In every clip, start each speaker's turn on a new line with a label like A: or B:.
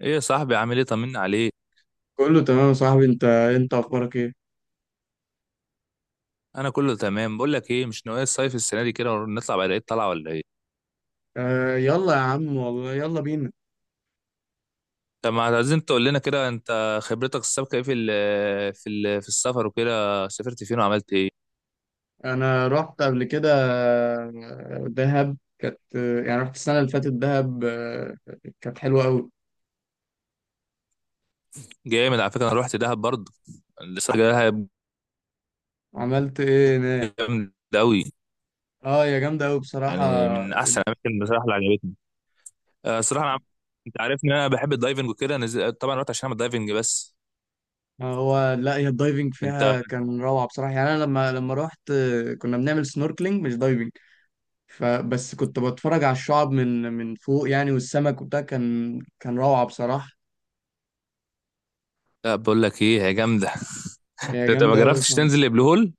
A: ايه يا صاحبي، عامل ايه؟ طمنا عليك.
B: كله تمام يا صاحبي، انت اخبارك ايه؟
A: انا كله تمام. بقول لك ايه، مش ناوي الصيف السنه دي كده ونطلع بعد العيد؟ طالعه ولا ايه؟
B: آه، يلا يا عم، والله يلا بينا.
A: طب ما عايزين تقول لنا كده، انت خبرتك السابقه ايه في السفر وكده، سافرت فين وعملت ايه؟
B: انا رحت قبل كده. دهب كانت، يعني رحت السنه اللي فاتت دهب، كانت حلوه قوي.
A: جامد، على فكره انا رحت دهب برضه. لسه رايح دهب.
B: عملت ايه هناك؟
A: جامد قوي،
B: اه، يا جامده قوي بصراحه.
A: يعني من
B: جد.
A: احسن الاماكن بصراحه اللي عجبتني. الصراحه انا، انت عارف ان انا بحب الدايفنج وكده، طبعا رحت عشان اعمل دايفنج بس.
B: هو، لا، هي الدايفنج
A: انت،
B: فيها كان روعه بصراحه. يعني انا لما رحت، كنا بنعمل سنوركلينج مش دايفنج. فبس كنت بتفرج على الشعاب من فوق يعني، والسمك وبتاع كان روعه بصراحه.
A: لا بقول لك ايه، هي جامده.
B: هي
A: انت ما
B: جامده قوي.
A: جربتش تنزل البلو هول؟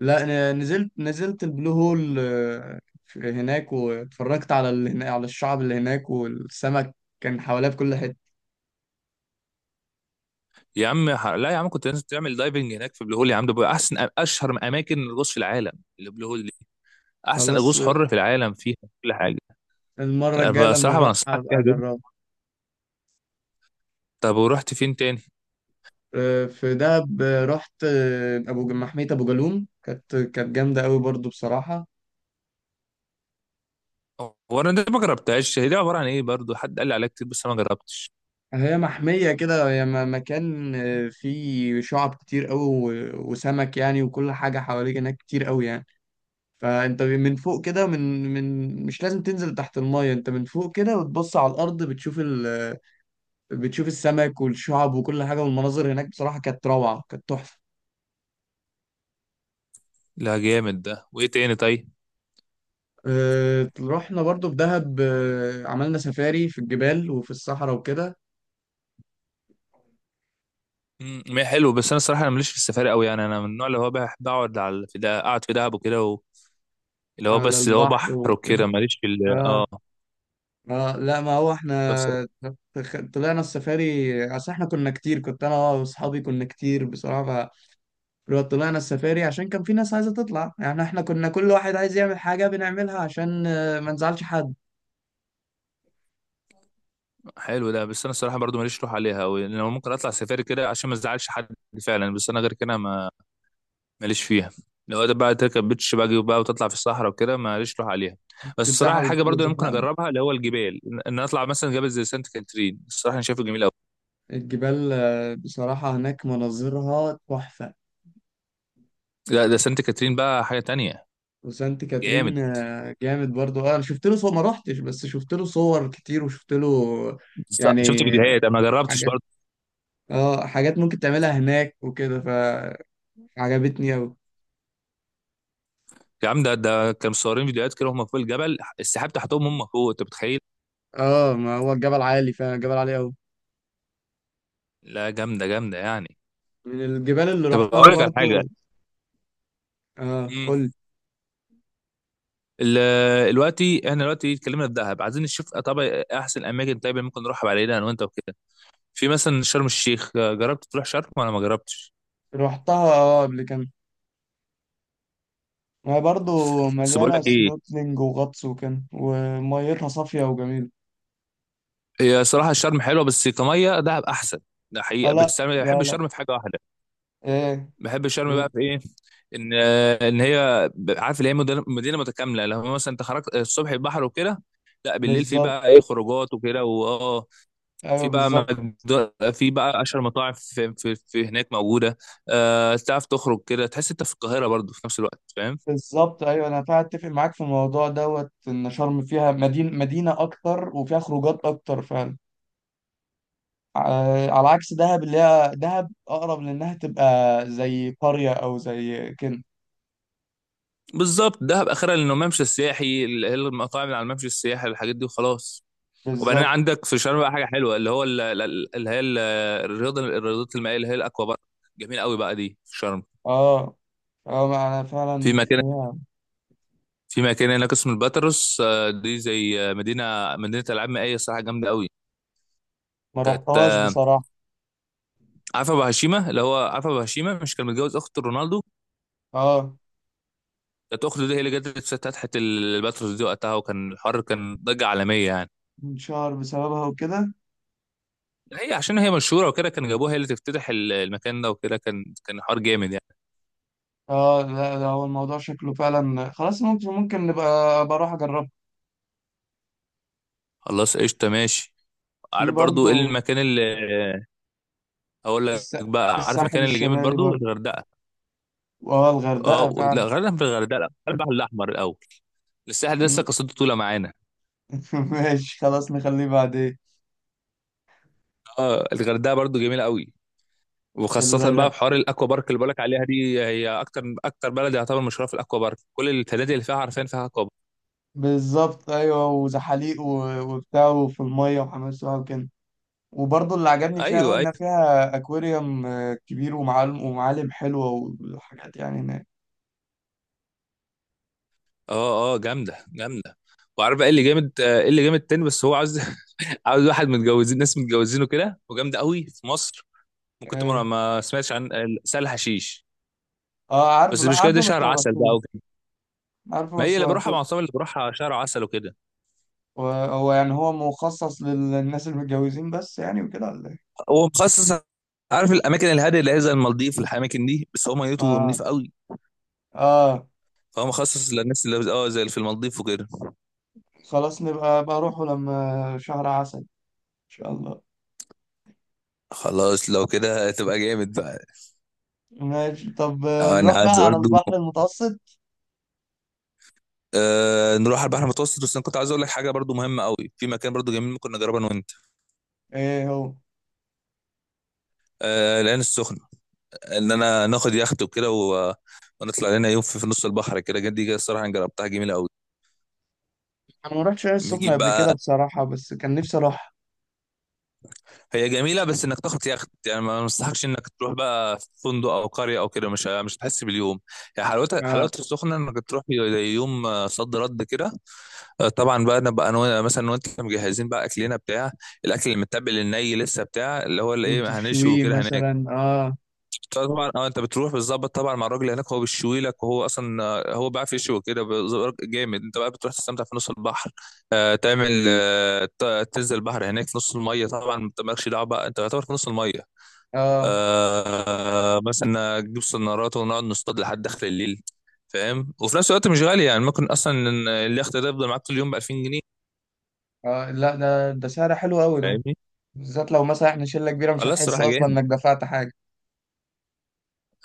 B: لا، انا نزلت البلو هول، هناك واتفرجت على على الشعب اللي هناك، والسمك كان حواليها بكل حته.
A: يا عم، لا يا عم، كنت لازم تعمل دايفنج هناك في بلو هول يا عم، ده بقى احسن اشهر اماكن الغوص في العالم. اللي بلو هول دي احسن
B: خلاص.
A: غوص حر في العالم فيها كل حاجه.
B: المره الجايه
A: انا
B: لما
A: بصراحه
B: اروح
A: بنصحك
B: هبقى
A: فيها جدا.
B: اجربها.
A: طب ورحت فين تاني؟
B: في دهب، رحت محميه ابو جالوم. كانت جامده قوي برضو بصراحه.
A: هو انا ده ما جربتهاش، هي دي عباره عن ايه برضو؟ حد قال لي عليها كتير بس انا ما جربتش.
B: هي محميه كده، هي مكان، فيه شعب كتير قوي، وسمك يعني، وكل حاجه حواليك هناك كتير قوي يعني. فانت من فوق كده، من من مش لازم تنزل تحت المية. انت من فوق كده وتبص على الارض، بتشوف بتشوف السمك والشعب وكل حاجة، والمناظر هناك بصراحة كانت روعة، كانت تحفة.
A: لا جامد ده. وايه تاني طيب؟
B: رحنا برضو في دهب، عملنا سفاري في الجبال وفي الصحراء وكده.
A: ما هي حلو، بس انا الصراحه انا ماليش في السفاري قوي. يعني انا من النوع اللي هو بحب اقعد على في ده، اقعد في دهب وكده و- اللي هو
B: على
A: بس اللي هو
B: البحر
A: بحر
B: وكان.
A: وكده، ماليش
B: اه.
A: اه.
B: اه، لا، ما هو احنا طلعنا السفاري. اصل احنا كنا كتير، كنت انا واصحابي كنا كتير بصراحة، لو طلعنا السفاري عشان كان في ناس عايزة تطلع. يعني احنا كنا كل واحد عايز يعمل حاجة بنعملها عشان ما نزعلش حد.
A: حلو ده، بس انا الصراحه برضو ماليش روح عليها أوي، لان انا ممكن اطلع سفاري كده عشان ما ازعلش حد فعلا، بس انا غير كده ما ماليش فيها. لو ده بقى تركب بيتش باجي وبقى وتطلع في الصحراء وكده، ماليش روح عليها. بس الصراحه،
B: تتزحق
A: الحاجه برضو اللي ممكن
B: وتزحلقنا
A: اجربها اللي هو الجبال، ان أنا اطلع مثلا جبل زي سانت كاترين، الصراحه انا شايفه جميل قوي.
B: الجبال، بصراحة هناك مناظرها تحفة.
A: لا ده سانت كاترين بقى حاجه تانية.
B: وسانت
A: جامد.
B: كاترين جامد برضو. اه، انا شفت له صور، ما روحتش، بس شفت له صور كتير وشفت له
A: بالظبط،
B: يعني
A: شفت فيديوهات انا ما جربتش
B: حاجات.
A: برضه.
B: اه، حاجات ممكن تعملها هناك وكده، فعجبتني اوي.
A: يا عم ده كانوا مصورين فيديوهات كده، هم فوق الجبل، السحاب تحتهم، هم فوق. انت متخيل؟
B: اه، ما هو الجبل عالي فعلا، الجبل عالي اوي،
A: لا جامده جامده يعني.
B: من الجبال اللي
A: طب
B: رحتها
A: اقول لك على حاجه،
B: برضو. اه، قول.
A: دلوقتي احنا دلوقتي اتكلمنا في دهب، عايزين نشوف طبعا احسن اماكن طيب ممكن نروح علينا انا وانت وكده. في مثلا شرم الشيخ، جربت تروح شرم ولا ما جربتش؟
B: روحتها قبل كده. ما هي برضه
A: بس بقول
B: مليانة
A: لك ايه،
B: سنوركلينج وغطس وكده، وميتها صافية وجميلة.
A: هي صراحه شرم حلوه، بس كميه دهب احسن. ده
B: اه،
A: حقيقه.
B: لا
A: بس انا
B: لا
A: بحب
B: لا.
A: شرم في حاجه واحده.
B: ايه؟
A: بحب شرم بقى في ايه؟ ان ان هي، عارف اللي هي مدينه متكامله، لو مثلا انت خرجت الصبح البحر وكده، لا بالليل في
B: بالظبط،
A: بقى ايه خروجات وكده واه.
B: ايوه،
A: في بقى
B: بالظبط.
A: في بقى اشهر مطاعم في هناك موجوده. تعرف تخرج كده تحس انت في القاهره برضو في نفس الوقت، فاهم.
B: بالظبط، ايوه، انا فعلا اتفق معاك في الموضوع دوت ان شرم فيها مدينة اكتر، وفيها خروجات اكتر فعلا. على عكس دهب، اللي هي دهب اقرب لانها تبقى زي قرية او زي كده.
A: بالظبط دهب اخرها، لانه الممشى السياحي، المطاعم اللي على الممشى السياحي، الحاجات دي وخلاص. وبعدين
B: بالظبط.
A: عندك في شرم بقى حاجه حلوه، اللي هو الرياضه، الرياضات المائيه، اللي هي الاكوا بارك. جميل قوي بقى دي في شرم.
B: اه، اه، ما انا
A: في
B: فعلا
A: مكان،
B: فيها.
A: في مكان هناك اسمه الباتروس، دي زي مدينه، مدينه العاب مائيه، الصراحه جامده قوي.
B: ما
A: كانت
B: رحتهاش بصراحة.
A: عارفه ابو هشيمه، اللي هو عارفه ابو هشيمه مش كان متجوز اخت رونالدو؟
B: اه،
A: كانت اخته دي هي اللي جت فتحت الباتروس دي وقتها، وكان الحر، كان ضجه عالميه يعني.
B: انشهر بسببها وكده.
A: هي عشان هي مشهوره وكده، كان جابوها هي اللي تفتتح المكان ده، وكده كان حوار جامد يعني.
B: اه، لا، ده هو الموضوع شكله فعلا خلاص، ممكن نبقى بروح اجربها.
A: خلاص قشطه، ماشي.
B: في
A: عارف برضو ايه
B: برضو
A: المكان اللي، هقول لك
B: الس...
A: بقى، عارف
B: الساحل
A: المكان اللي جامد
B: الشمالي
A: برضو؟
B: برضو.
A: الغردقه.
B: اه،
A: اه
B: الغردقة
A: و- لا
B: فعلا.
A: غردقه، في الغردقه، لا البحر الاحمر الاول، الساحل ده لسه
B: م-
A: قصته طويله معانا.
B: ماشي خلاص، نخليه بعدين.
A: اه الغردقه برضو جميله قوي، وخاصة بقى
B: الغردقة
A: في حوار الاكوا بارك اللي بقولك عليها دي، هي اكتر اكتر بلد يعتبر مشهوره في الاكوا بارك، كل الفنادق اللي فيها عارفين فيها اكوا بارك.
B: بالظبط، ايوه، وزحاليق وبتاع، وفي المية وحمام سباحة وكده. وبرضو اللي عجبني فيها قوي
A: ايوه،
B: انها
A: أيوة.
B: فيها اكواريوم كبير، ومعالم حلوة وحاجات يعني هناك.
A: اه اه، جامده جامده. وعارف بقى ايه اللي جامد، ايه اللي جامد تاني؟ بس هو عاوز، عاوز واحد متجوزين، ناس متجوزينه كده، وجامده قوي في مصر، ممكن
B: اه.
A: تمر. ما سمعتش عن سهل حشيش؟
B: عارفه،
A: بس
B: لا،
A: المشكله دي
B: عارفه بس
A: شهر
B: ما
A: عسل بقى
B: رحتوش.
A: وكده.
B: عارفه
A: ما هي
B: بس ما
A: اللي بروحها
B: رحتوش.
A: مع اصحابي، اللي بروحها شهر عسل وكده.
B: وهو يعني، هو مخصص للناس المتجوزين بس يعني وكده، ولا ايه؟
A: هو مخصص، عارف الاماكن الهاديه اللي هي زي المالديف الاماكن دي، بس هو ميته
B: اه.
A: نضيف قوي.
B: اه،
A: فهو مخصص للناس اللي اه زي اللي في المالديف وكده.
B: خلاص، نبقى بروحه لما شهر عسل ان شاء الله.
A: خلاص لو كده هتبقى جامد بقى.
B: ماشي. طب،
A: انا
B: نروح
A: عايز
B: بقى على
A: برضه،
B: البحر المتوسط.
A: آه نروح على البحر المتوسط، بس انا كنت عايز اقول لك حاجه برضو مهمه قوي، في مكان برضو جميل ممكن نجربه انا وانت.
B: ايه هو؟
A: آه، العين السخنه. ان انا ناخد يخت وكده و... ونطلع لنا يوم في نص البحر كده جد، دي الصراحه انا جربتها جميله قوي.
B: انا ما رحتش العين السخنة
A: بنجيب
B: قبل كده
A: بقى،
B: بصراحة، بس كان نفسي اروح.
A: هي جميله بس انك تاخد يخت. يعني ما مستحقش انك تروح بقى في فندق او قريه او كده، مش هتحس باليوم يعني. حلاوتها،
B: اه،
A: حلاوه السخنه انك تروح زي يوم صد رد كده. طبعا بقى نبقى انا مثلا وانت مجهزين بقى اكلنا، بتاع الاكل المتبل الني لسه، بتاع اللي هو اللي ايه، هنشوي
B: وتشويه
A: وكده
B: مثلا.
A: هناك.
B: اه.
A: طبعا اه، انت بتروح بتظبط طبعا مع الراجل هناك، هو بيشوي لك، وهو اصلا هو بيعرف يشوي كده جامد. انت بقى بتروح تستمتع في نص البحر، آه تعمل آه، تنزل البحر هناك في نص الميه، طبعا انت مالكش دعوه بقى، انت يعتبر في نص الميه،
B: اه،
A: آه مثلا تجيب سنارات ونقعد نصطاد لحد داخل الليل، فاهم. وفي نفس الوقت مش غالي يعني، ممكن اصلا إن اليخت ده يفضل معاك طول اليوم ب 2000 جنيه.
B: اه، لا، ده سعر حلو قوي ده.
A: فاهمني؟
B: بالذات لو مثلا احنا شلة كبيرة، مش
A: لا
B: هتحس
A: الصراحه
B: اصلا
A: جامد.
B: انك دفعت حاجة.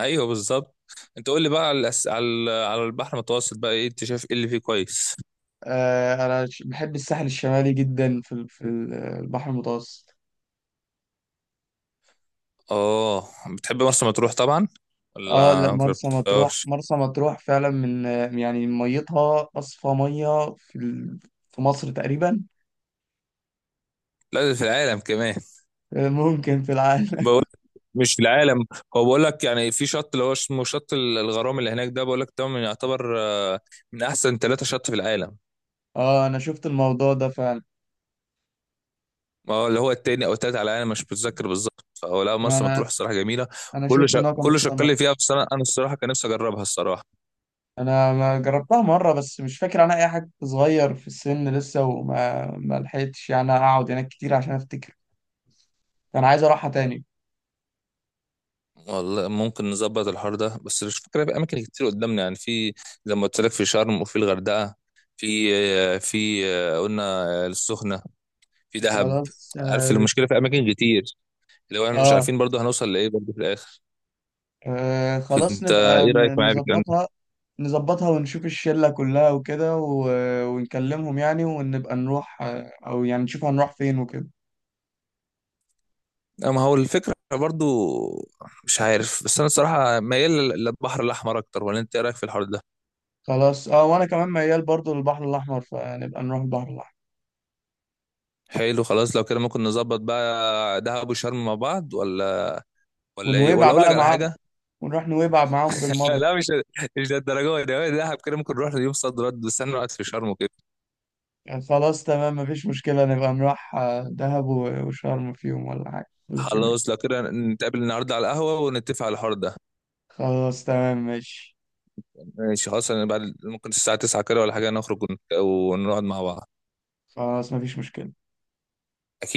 A: ايوه بالظبط. انت قول لي بقى على على على البحر المتوسط بقى، ايه انت شايف ايه اللي فيه كويس؟
B: انا بحب الساحل الشمالي جدا في البحر المتوسط.
A: اه، بتحب مرسى مطروح طبعا
B: اه، لا،
A: ولا ما
B: مرسى مطروح،
A: جربتهاش؟
B: مرسى مطروح فعلا من، يعني ميتها اصفى ميه في مصر تقريبا.
A: لا ده في العالم كمان.
B: ممكن في العالم.
A: بقول، مش في العالم، هو بقول لك يعني في شط اللي هو اسمه شط الغرام اللي هناك ده، بقول لك ده من يعتبر من احسن ثلاثة شط في العالم.
B: اه، انا شفت الموضوع ده فعلا.
A: ما هو اللي هو التاني او التالت على العالم، مش متذكر بالظبط. فهو لا
B: ما
A: مرسى
B: انا،
A: مطروح الصراحة جميلة،
B: انا
A: وكل
B: شفت ان هو كان
A: كل شق
B: بيتصنف.
A: اللي فيها، بس انا أنا الصراحة كان نفسي اجربها الصراحة.
B: انا ما جربتها مره، بس مش فاكر عنها اي حاجه، كنت صغير في السن لسه، وما ما لحقتش يعني اقعد هناك كتير عشان افتكر. انا عايز اروحها تاني.
A: والله ممكن نظبط الحوار ده، بس مش فكرة، في اماكن كتير قدامنا يعني، في زي ما قلت لك في شرم وفي الغردقه، في في قلنا السخنه، في دهب.
B: خلاص،
A: عارف
B: اه.
A: المشكله في اماكن كتير، لو احنا مش
B: آه.
A: عارفين برضو هنوصل لايه برضو في الاخر.
B: آه. خلاص،
A: فانت
B: نبقى
A: ايه رايك معايا في الكلام ده؟
B: نظبطها. نظبطها ونشوف الشلة كلها وكده، ونكلمهم يعني، ونبقى نروح، أو يعني نشوف هنروح فين وكده.
A: اما هو الفكره برضو، مش عارف، بس انا الصراحه ميال للبحر الاحمر اكتر، ولا انت ايه رايك في الحوار ده؟
B: خلاص، اه، وأنا كمان ميال برضو للبحر الأحمر، فنبقى نروح البحر الأحمر.
A: حلو خلاص، لو كده ممكن نظبط بقى دهب وشرم مع بعض، ولا ايه،
B: ونويبع
A: ولا اقول لك
B: بقى
A: على
B: معاهم.
A: حاجه؟
B: ونروح نويبع معاهم
A: لا
B: بالمرة.
A: لا، مش للدرجه دي، دهب كده ممكن نروح يوم صد رد، بس انا قاعد في شرم وكده.
B: يعني خلاص، تمام، مفيش مشكلة. نبقى نروح دهب وشرم في يوم ولا حاجة، ولا في يومين.
A: خلاص لو كده نتقابل النهارده على القهوه ونتفق على الحوار ده.
B: خلاص، تمام، ماشي.
A: ماشي خلاص، انا بعد ممكن الساعه 9 كده ولا حاجه، نخرج ونقعد مع بعض.
B: خلاص، مفيش مشكلة.